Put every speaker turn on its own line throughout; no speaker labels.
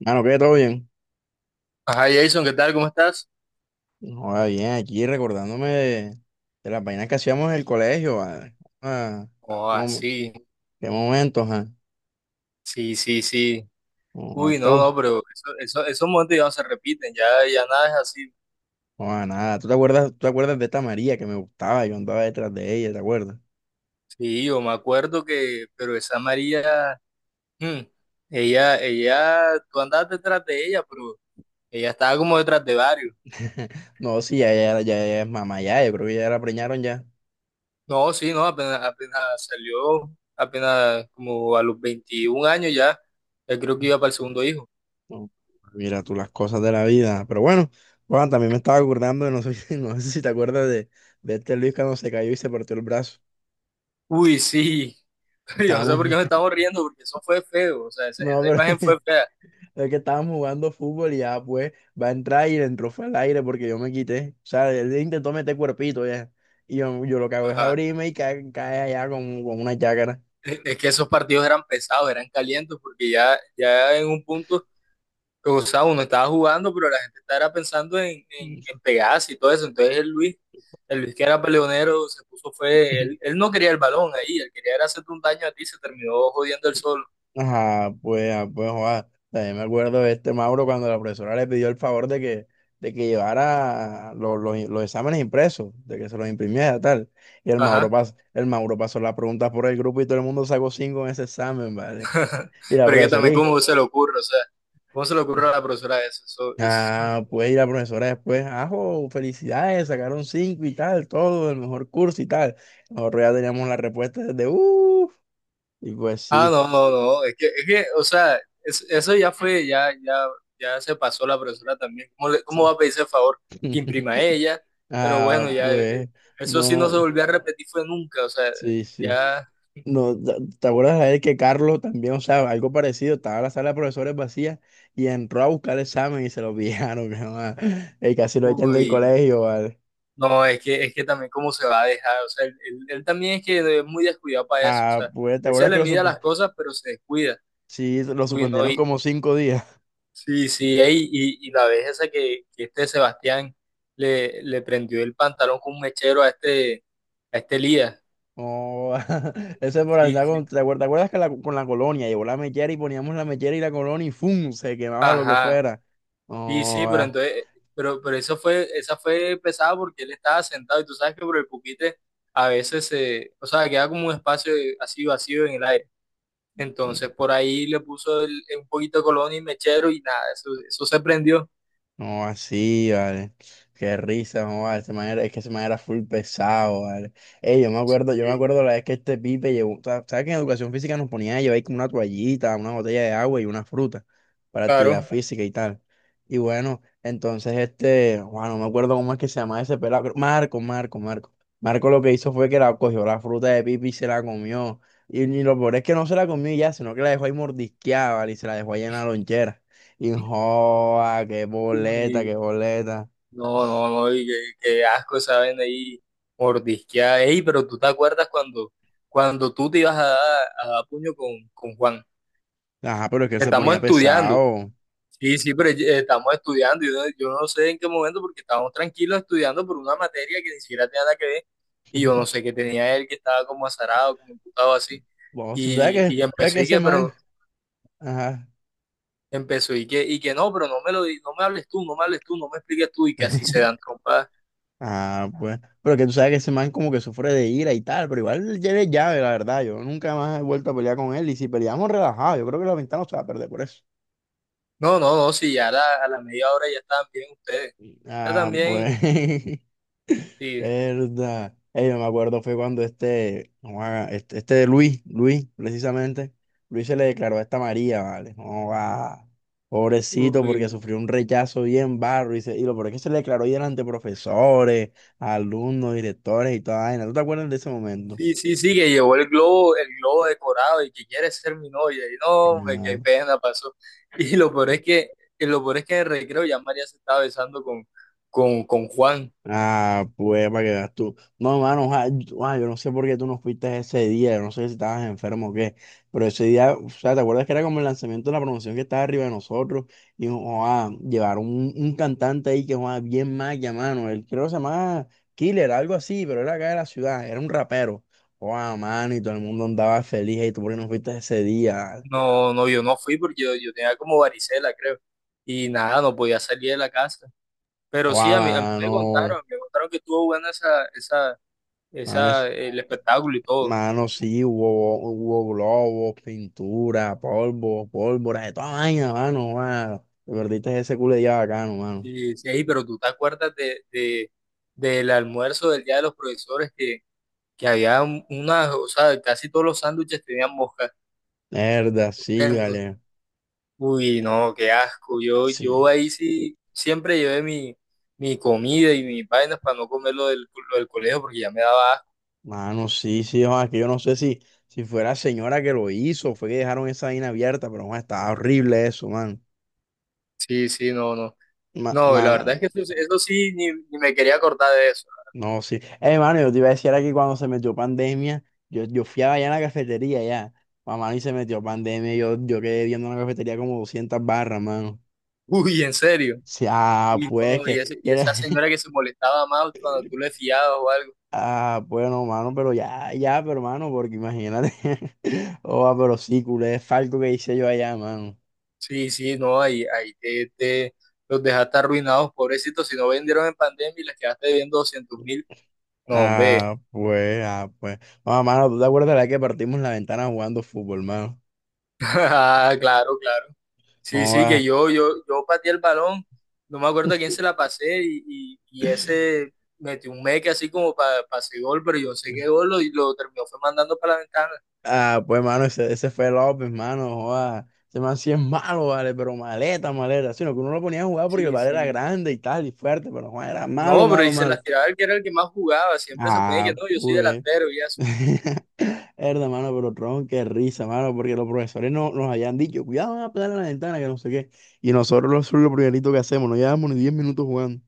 Mano, que todo bien.
Ajá, Jason, ¿qué tal? ¿Cómo estás?
Joda, bien, aquí recordándome de las vainas que hacíamos en el colegio. Vale. Ah,
Oh,
¿cómo-
así,
qué momentos, ah?
sí, sí, sí. Sí.
Joda,
Uy, no, no, pero esos momentos ya no se repiten, ya, ya nada es así.
joda, nada. ¿Tú te acuerdas de esta María que me gustaba? Yo andaba detrás de ella, ¿te acuerdas?
Sí, yo me acuerdo que, pero esa María, mm, ella, tú andabas detrás de ella, pero ella estaba como detrás de varios.
No, sí, ya, ya, ya, ya es mamá, ya. Yo creo que ya la preñaron ya.
No, sí, no, apenas salió, apenas como a los 21 años ya, ya creo que iba para el segundo hijo.
No, mira tú las cosas de la vida. Pero bueno, Juan, también me estaba acordando de, no sé, no sé si te acuerdas de, este Luis cuando se cayó y se partió el brazo.
Uy, sí, pero yo no sé por
Estábamos.
qué me estamos riendo, porque eso fue feo, o sea,
No,
esa
pero.
imagen fue
Es que estábamos jugando fútbol y ya, pues, va a entrar y le entró fue al aire porque yo me quité. O sea, él intentó meter cuerpito ya. Y yo lo que hago es
fea.
abrirme y cae allá con una chácara.
Es que esos partidos eran pesados, eran calientes, porque ya en un punto, pues, o sea, uno estaba jugando, pero la gente estaba pensando en pegarse y todo eso. Entonces el Luis que era peleonero, se puso, fue, él no quería el balón ahí, él quería era hacerte un daño a ti, se terminó jodiendo el solo.
Ajá, pues, ah, pues, joda. También me acuerdo de este Mauro cuando la profesora le pidió el favor de que llevara los exámenes impresos, de que se los imprimiera tal. Y el Mauro,
Ajá.
pas, el Mauro pasó las preguntas por el grupo y todo el mundo sacó 5 en ese examen, ¿vale? Y la
Pero es que
profesora,
también,
¿y?
¿cómo se le ocurre? O sea, ¿cómo se le ocurre a la profesora eso? Eso es-
Ah, pues y la profesora después, ajo, felicidades, sacaron 5 y tal, todo, el mejor curso y tal. Nosotros ya teníamos la respuesta desde, uff, y pues
Ah,
sí,
no, no, no, es que, o sea, es- eso ya fue, ya se pasó la profesora también. ¿Cómo, le- cómo
sí.
va a pedirse el favor que imprima ella? Pero
Ah,
bueno, ya,
pues,
eso sí no
no,
se
no,
volvió a repetir fue nunca, o sea,
sí, sí.
ya,
No, ¿te acuerdas de él que Carlos también, o sea, algo parecido, estaba la sala de profesores vacía y entró a buscar el examen y se lo pillaron, mi mamá? Y casi lo echan del
uy,
colegio, ¿vale?
no, es que también cómo se va a dejar, o sea, él también es que es muy descuidado para eso, o
Ah,
sea,
pues, ¿te
él se
acuerdas que
le mide a las cosas, pero se descuida.
sí, lo
Uy, no.
suspendieron como 5 días?
Sí, sí, ey, y la vez esa que este Sebastián le prendió el pantalón con un mechero a a este Elías.
Oh, ese por
Sí,
andar con,
sí.
¿te acuerdas que con la colonia llevó la mechera y poníamos la mechera y la colonia y ¡fum! Se quemaba lo que
Ajá.
fuera.
Sí,
Oh,
sí, pero
ah,
entonces, pero eso fue, esa fue pesada porque él estaba sentado y tú sabes que por el puquite a veces se, o sea, queda como un espacio así vacío en el aire. Entonces por ahí le puso el- un poquito de colonia y mechero y nada, eso se prendió.
no, así, vale. Qué risa, no, vale. Ese man es que ese man era full pesado, vale. Ey, yo me
Sí.
acuerdo la vez que este pipe llevó, ¿sabes que en educación física nos ponían a llevar ahí como una toallita, una botella de agua y una fruta para actividad
Claro.
claro, física y tal? Y bueno, entonces este, bueno, no me acuerdo cómo es que se llama ese pelado, Marco, Marco, Marco. Marco lo que hizo fue que la cogió la fruta de pipe y se la comió. Y lo peor es que no se la comió y ya, sino que la dejó ahí mordisqueada, ¿vale? Y se la dejó ahí en la lonchera. Y joa, qué boleta, qué boleta.
No, no, no, y qué, qué asco saben ahí mordisquear. Ey, pero tú te acuerdas cuando, cuando tú te ibas a dar puño con Juan.
Ajá, pero es que él se
Estamos
ponía
estudiando.
pesado.
Sí, sí, pero estamos estudiando. Yo, no- yo no sé en qué momento, porque estábamos tranquilos estudiando por una materia que ni siquiera tenía nada que ver. Y yo no sé qué tenía él, que estaba como azarado, como imputado así.
Vos, tú sabes que,
Y
sabes que
empezó y
ese
que,
man.
pero
Ajá.
empezó y que no, pero no me lo, di- no me hables tú, no me hables tú, no me expliques tú, y que así se dan trompas.
Ah, pues. Pero que tú sabes que ese man como que sufre de ira y tal. Pero igual ya es llave, la verdad. Yo nunca más he vuelto a pelear con él. Y si peleamos relajado, yo creo que la ventana no se va a perder por eso.
No, no, no, sí, ya a a la media hora ya estaban bien ustedes. Ya
Ah,
también,
pues.
sí.
Verdad. Yo me acuerdo fue cuando este, no va, este Luis, precisamente, Luis se le declaró a esta María, ¿vale? No va, pobrecito,
Uy.
porque sufrió un rechazo bien barro. Y lo peor es que se le declaró ahí delante de profesores, alumnos, directores y toda vaina. ¿Tú te acuerdas de ese momento?
Sí, sí, sí, que llevó el globo decorado y que quiere ser mi novia. Y no, hombre, qué pena pasó. Y lo peor es que, y lo peor es que en el recreo ya María se estaba besando con Juan.
Ah, pues para que veas tú. No, mano, oja, yo no sé por qué tú no fuiste ese día, yo no sé si estabas enfermo o qué, pero ese día, o sea, ¿te acuerdas que era como el lanzamiento de la promoción que estaba arriba de nosotros? Y oa, llevaron un cantante ahí que oa, bien maya, mano, él creo que se llamaba Killer, algo así, pero era acá de la ciudad, era un rapero. Oa, mano, y todo el mundo andaba feliz, y tú por qué no fuiste ese día.
No, no, yo no fui porque yo tenía como varicela, creo. Y nada, no podía salir de la casa. Pero sí,
Oa,
a mí
mano,
me contaron que estuvo buena esa, esa,
mano, eso.
esa, el espectáculo y todo.
Mano, sí, hubo globos, pintura, polvo, pólvora, de toda vaina, mano, mano. Te perdiste ese culo de día bacano, mano.
Sí, sí, ey, pero tú te acuerdas de- del almuerzo del día de los profesores que había un- unas, o sea, casi todos los sándwiches tenían moscas
Mierda, sí,
dentro.
vale.
Uy, no, qué asco. Yo
Sí.
ahí sí siempre llevé mi comida y mis vainas para no comer lo del colegio porque ya me daba asco.
Mano, sí, sí, joa, que yo no sé si fue la señora que lo hizo, fue que dejaron esa vaina abierta, pero joa, estaba horrible eso, mano.
Sí, sí, no, no.
Ma-
No, la
mano,
verdad es que eso sí, ni me quería acordar de eso.
no, sí. Mano, yo te iba a decir aquí cuando se metió pandemia, yo fui allá en la cafetería, ya. Mamá, y se metió pandemia, yo quedé viendo en la cafetería como 200 barras, mano.
Uy, en serio.
Sí, ah,
Uy,
pues
no, y,
que
ese- y
era-
esa señora que se molestaba más cuando tú le fiabas o algo.
Ah, bueno, mano, pero ya, ya, pero mano, porque imagínate. Oh, ah, pero sí, culé, es falco que hice yo allá, mano.
Sí, sí, no, ahí te, te- los dejaste arruinados, pobrecitos, si no vendieron en pandemia y les quedaste debiendo 200,000. No, hombre.
Ah, pues, ah, pues. Oh, mano, ¿tú te acuerdas de la que partimos la ventana jugando fútbol, mano?
Ah, claro, claro. Sí,
Oh,
sí,
ah.
que yo pateé el balón, no me acuerdo a quién se la pasé y ese metió un meque así como para pase gol, pero yo no sé qué gol lo- y lo terminó fue mandando para la ventana.
Ah, pues, mano, ese fue López, mano. Joda. Ese man sí es malo, vale, pero maleta, maleta. Sino que uno lo ponía a jugar porque el
Sí,
vale era
sí.
grande y tal, y fuerte, pero joda, era malo,
No, pero
malo,
y se
malo.
las tiraba el que era el que más jugaba, siempre se ponía que
Ah,
no, yo soy
pues.
delantero y eso.
Herda, mano, pero tronco, qué risa, mano, porque los profesores no, nos habían dicho, cuidado, van a pegar a la ventana, que no sé qué. Y nosotros lo, eso es lo primerito que hacemos, no llevamos ni 10 minutos jugando.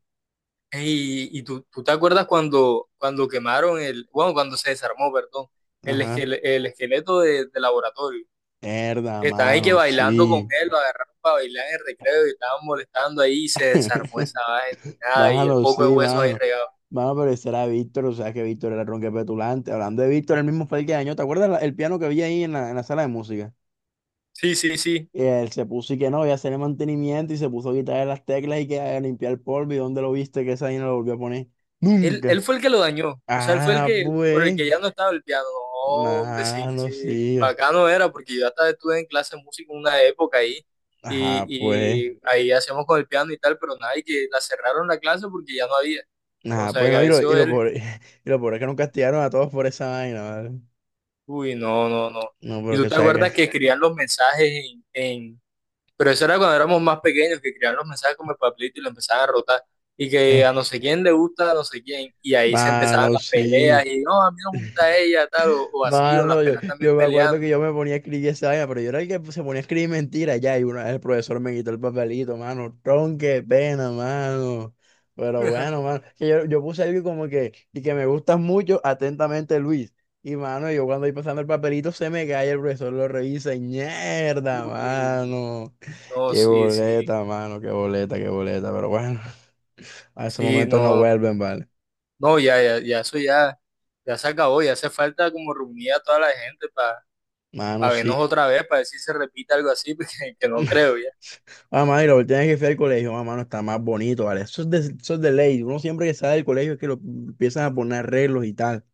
Y tú te acuerdas cuando, cuando quemaron el, bueno, cuando se desarmó, perdón, el,
Ajá.
esquele- el esqueleto de laboratorio,
Herda,
que estaban ahí que
mano,
bailando con
sí.
él, lo agarraron para bailar en el recreo y estaban molestando ahí y se desarmó esa vaina y nada, y el
Bájalo, sí,
poco de huesos ahí
mano.
regado.
Mano, pero ese era Víctor, o sea que Víctor era tronque petulante. Hablando de Víctor, el mismo fue el que dañó. ¿Te acuerdas el piano que había ahí en la sala de música?
Sí, sí, sí.
Él se puso y que no, voy a hacer el mantenimiento y se puso a quitar las teclas y que a limpiar el polvo. ¿Y dónde lo viste que esa ahí no lo volvió a poner?
Él,
Nunca.
él fue el que lo dañó, o sea, él fue el
Ah,
que, por el
pues,
que ya no estaba el piano. Hombre, sí,
mano,
sí,
sí.
bacano era, porque yo hasta estuve en clase de música una época ahí,
Ajá, pues.
y ahí hacíamos con el piano y tal, pero nada, y que la cerraron la clase porque ya no había.
Ajá, pues
Entonces, a
no, y lo,
veces
y lo
él,
pobre, y lo pobre es que nos castigaron a todos por esa vaina, ¿vale?
uy, no, no, no.
No,
Y
pero
tú
que
te
sabes que
acuerdas
es.
que escribían los mensajes en. Pero eso era cuando éramos más pequeños, que creaban los mensajes como el papelito y lo empezaban a rotar. Y que
Eh,
a no sé quién le gusta, a no sé quién. Y ahí se empezaban
mano,
las peleas.
sí.
Y no, a mí no me gusta ella, tal, o así, o las
Mano, yo,
peleas
yo
también
me acuerdo que
peleando.
yo me ponía a escribir esa vaina, pero yo era el que se ponía a escribir mentiras ya, y una vez el profesor me quitó el papelito, mano, tron, qué pena, mano. Pero bueno, mano, que yo puse algo como que, y que me gustas mucho, atentamente, Luis. Y mano, yo cuando voy pasando el papelito se me cae, el profesor lo revisa, y mierda,
Uy,
mano.
no,
Qué
sí, sí,
boleta, mano, qué boleta, pero bueno, a esos
sí,
momentos no
no,
vuelven, ¿vale?
no, ya, eso ya, ya se acabó. Ya hace falta como reunir a toda la gente para
Mano,
vernos
sí.
otra vez, para ver si se repite algo así, porque, que no creo ya.
Mamá, y lo tienes que hacer al colegio, mamá, no está más bonito, ¿vale? Eso es de ley. Uno siempre que sale del colegio es que lo empiezan a poner arreglos y tal.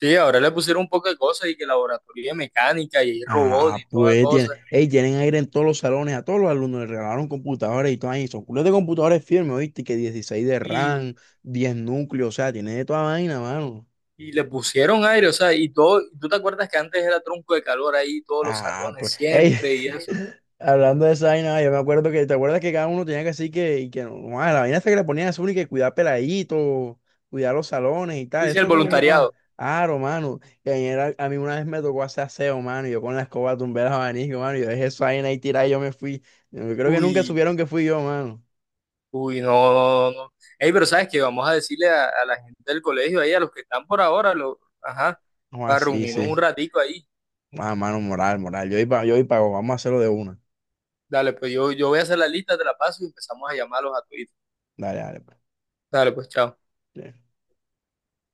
Sí, ahora le pusieron un poco de cosas y que laboratorio de mecánica y robot y
Ah,
toda
pues tienen,
cosa.
ey, tienen aire en todos los salones, a todos los alumnos les regalaron computadores y todo ahí. Son culos de computadores firmes, ¿oíste? Que 16 de
Y
RAM, 10 núcleos, o sea, tiene de toda vaina, mano.
Y le pusieron aire, o sea, y todo, ¿tú te acuerdas que antes era tronco de calor ahí, todos los
Ah, pues,
salones
ey,
siempre y eso?
hablando de esa vaina, yo me acuerdo que, ¿te acuerdas que cada uno tenía que así que, y que no, no, ah, la vaina hasta que le ponían a uno y que cuidar peladitos, cuidar los salones y tal,
Dice
eso
el
es como que se llama
voluntariado.
aro, mano, que ayer a mí una vez me tocó hacer aseo, mano, y yo con la escoba tumbé los abanicos, mano, y yo dejé esa vaina ahí tirada y yo me fui, yo creo que nunca
Uy,
supieron que fui yo, mano,
uy, no, no, no, no. Ey, pero sabes que vamos a decirle a la gente del colegio ahí, a los que están por ahora, lo, ajá,
no,
para
así,
reunirnos un
sí,
ratico ahí.
ah, mano, moral, moral, yo y pago, vamos a hacerlo de una,
Dale, pues yo voy a hacer la lista, te la paso y empezamos a llamarlos a Twitter.
dale, dale, pues.
Dale, pues chao.
Sí.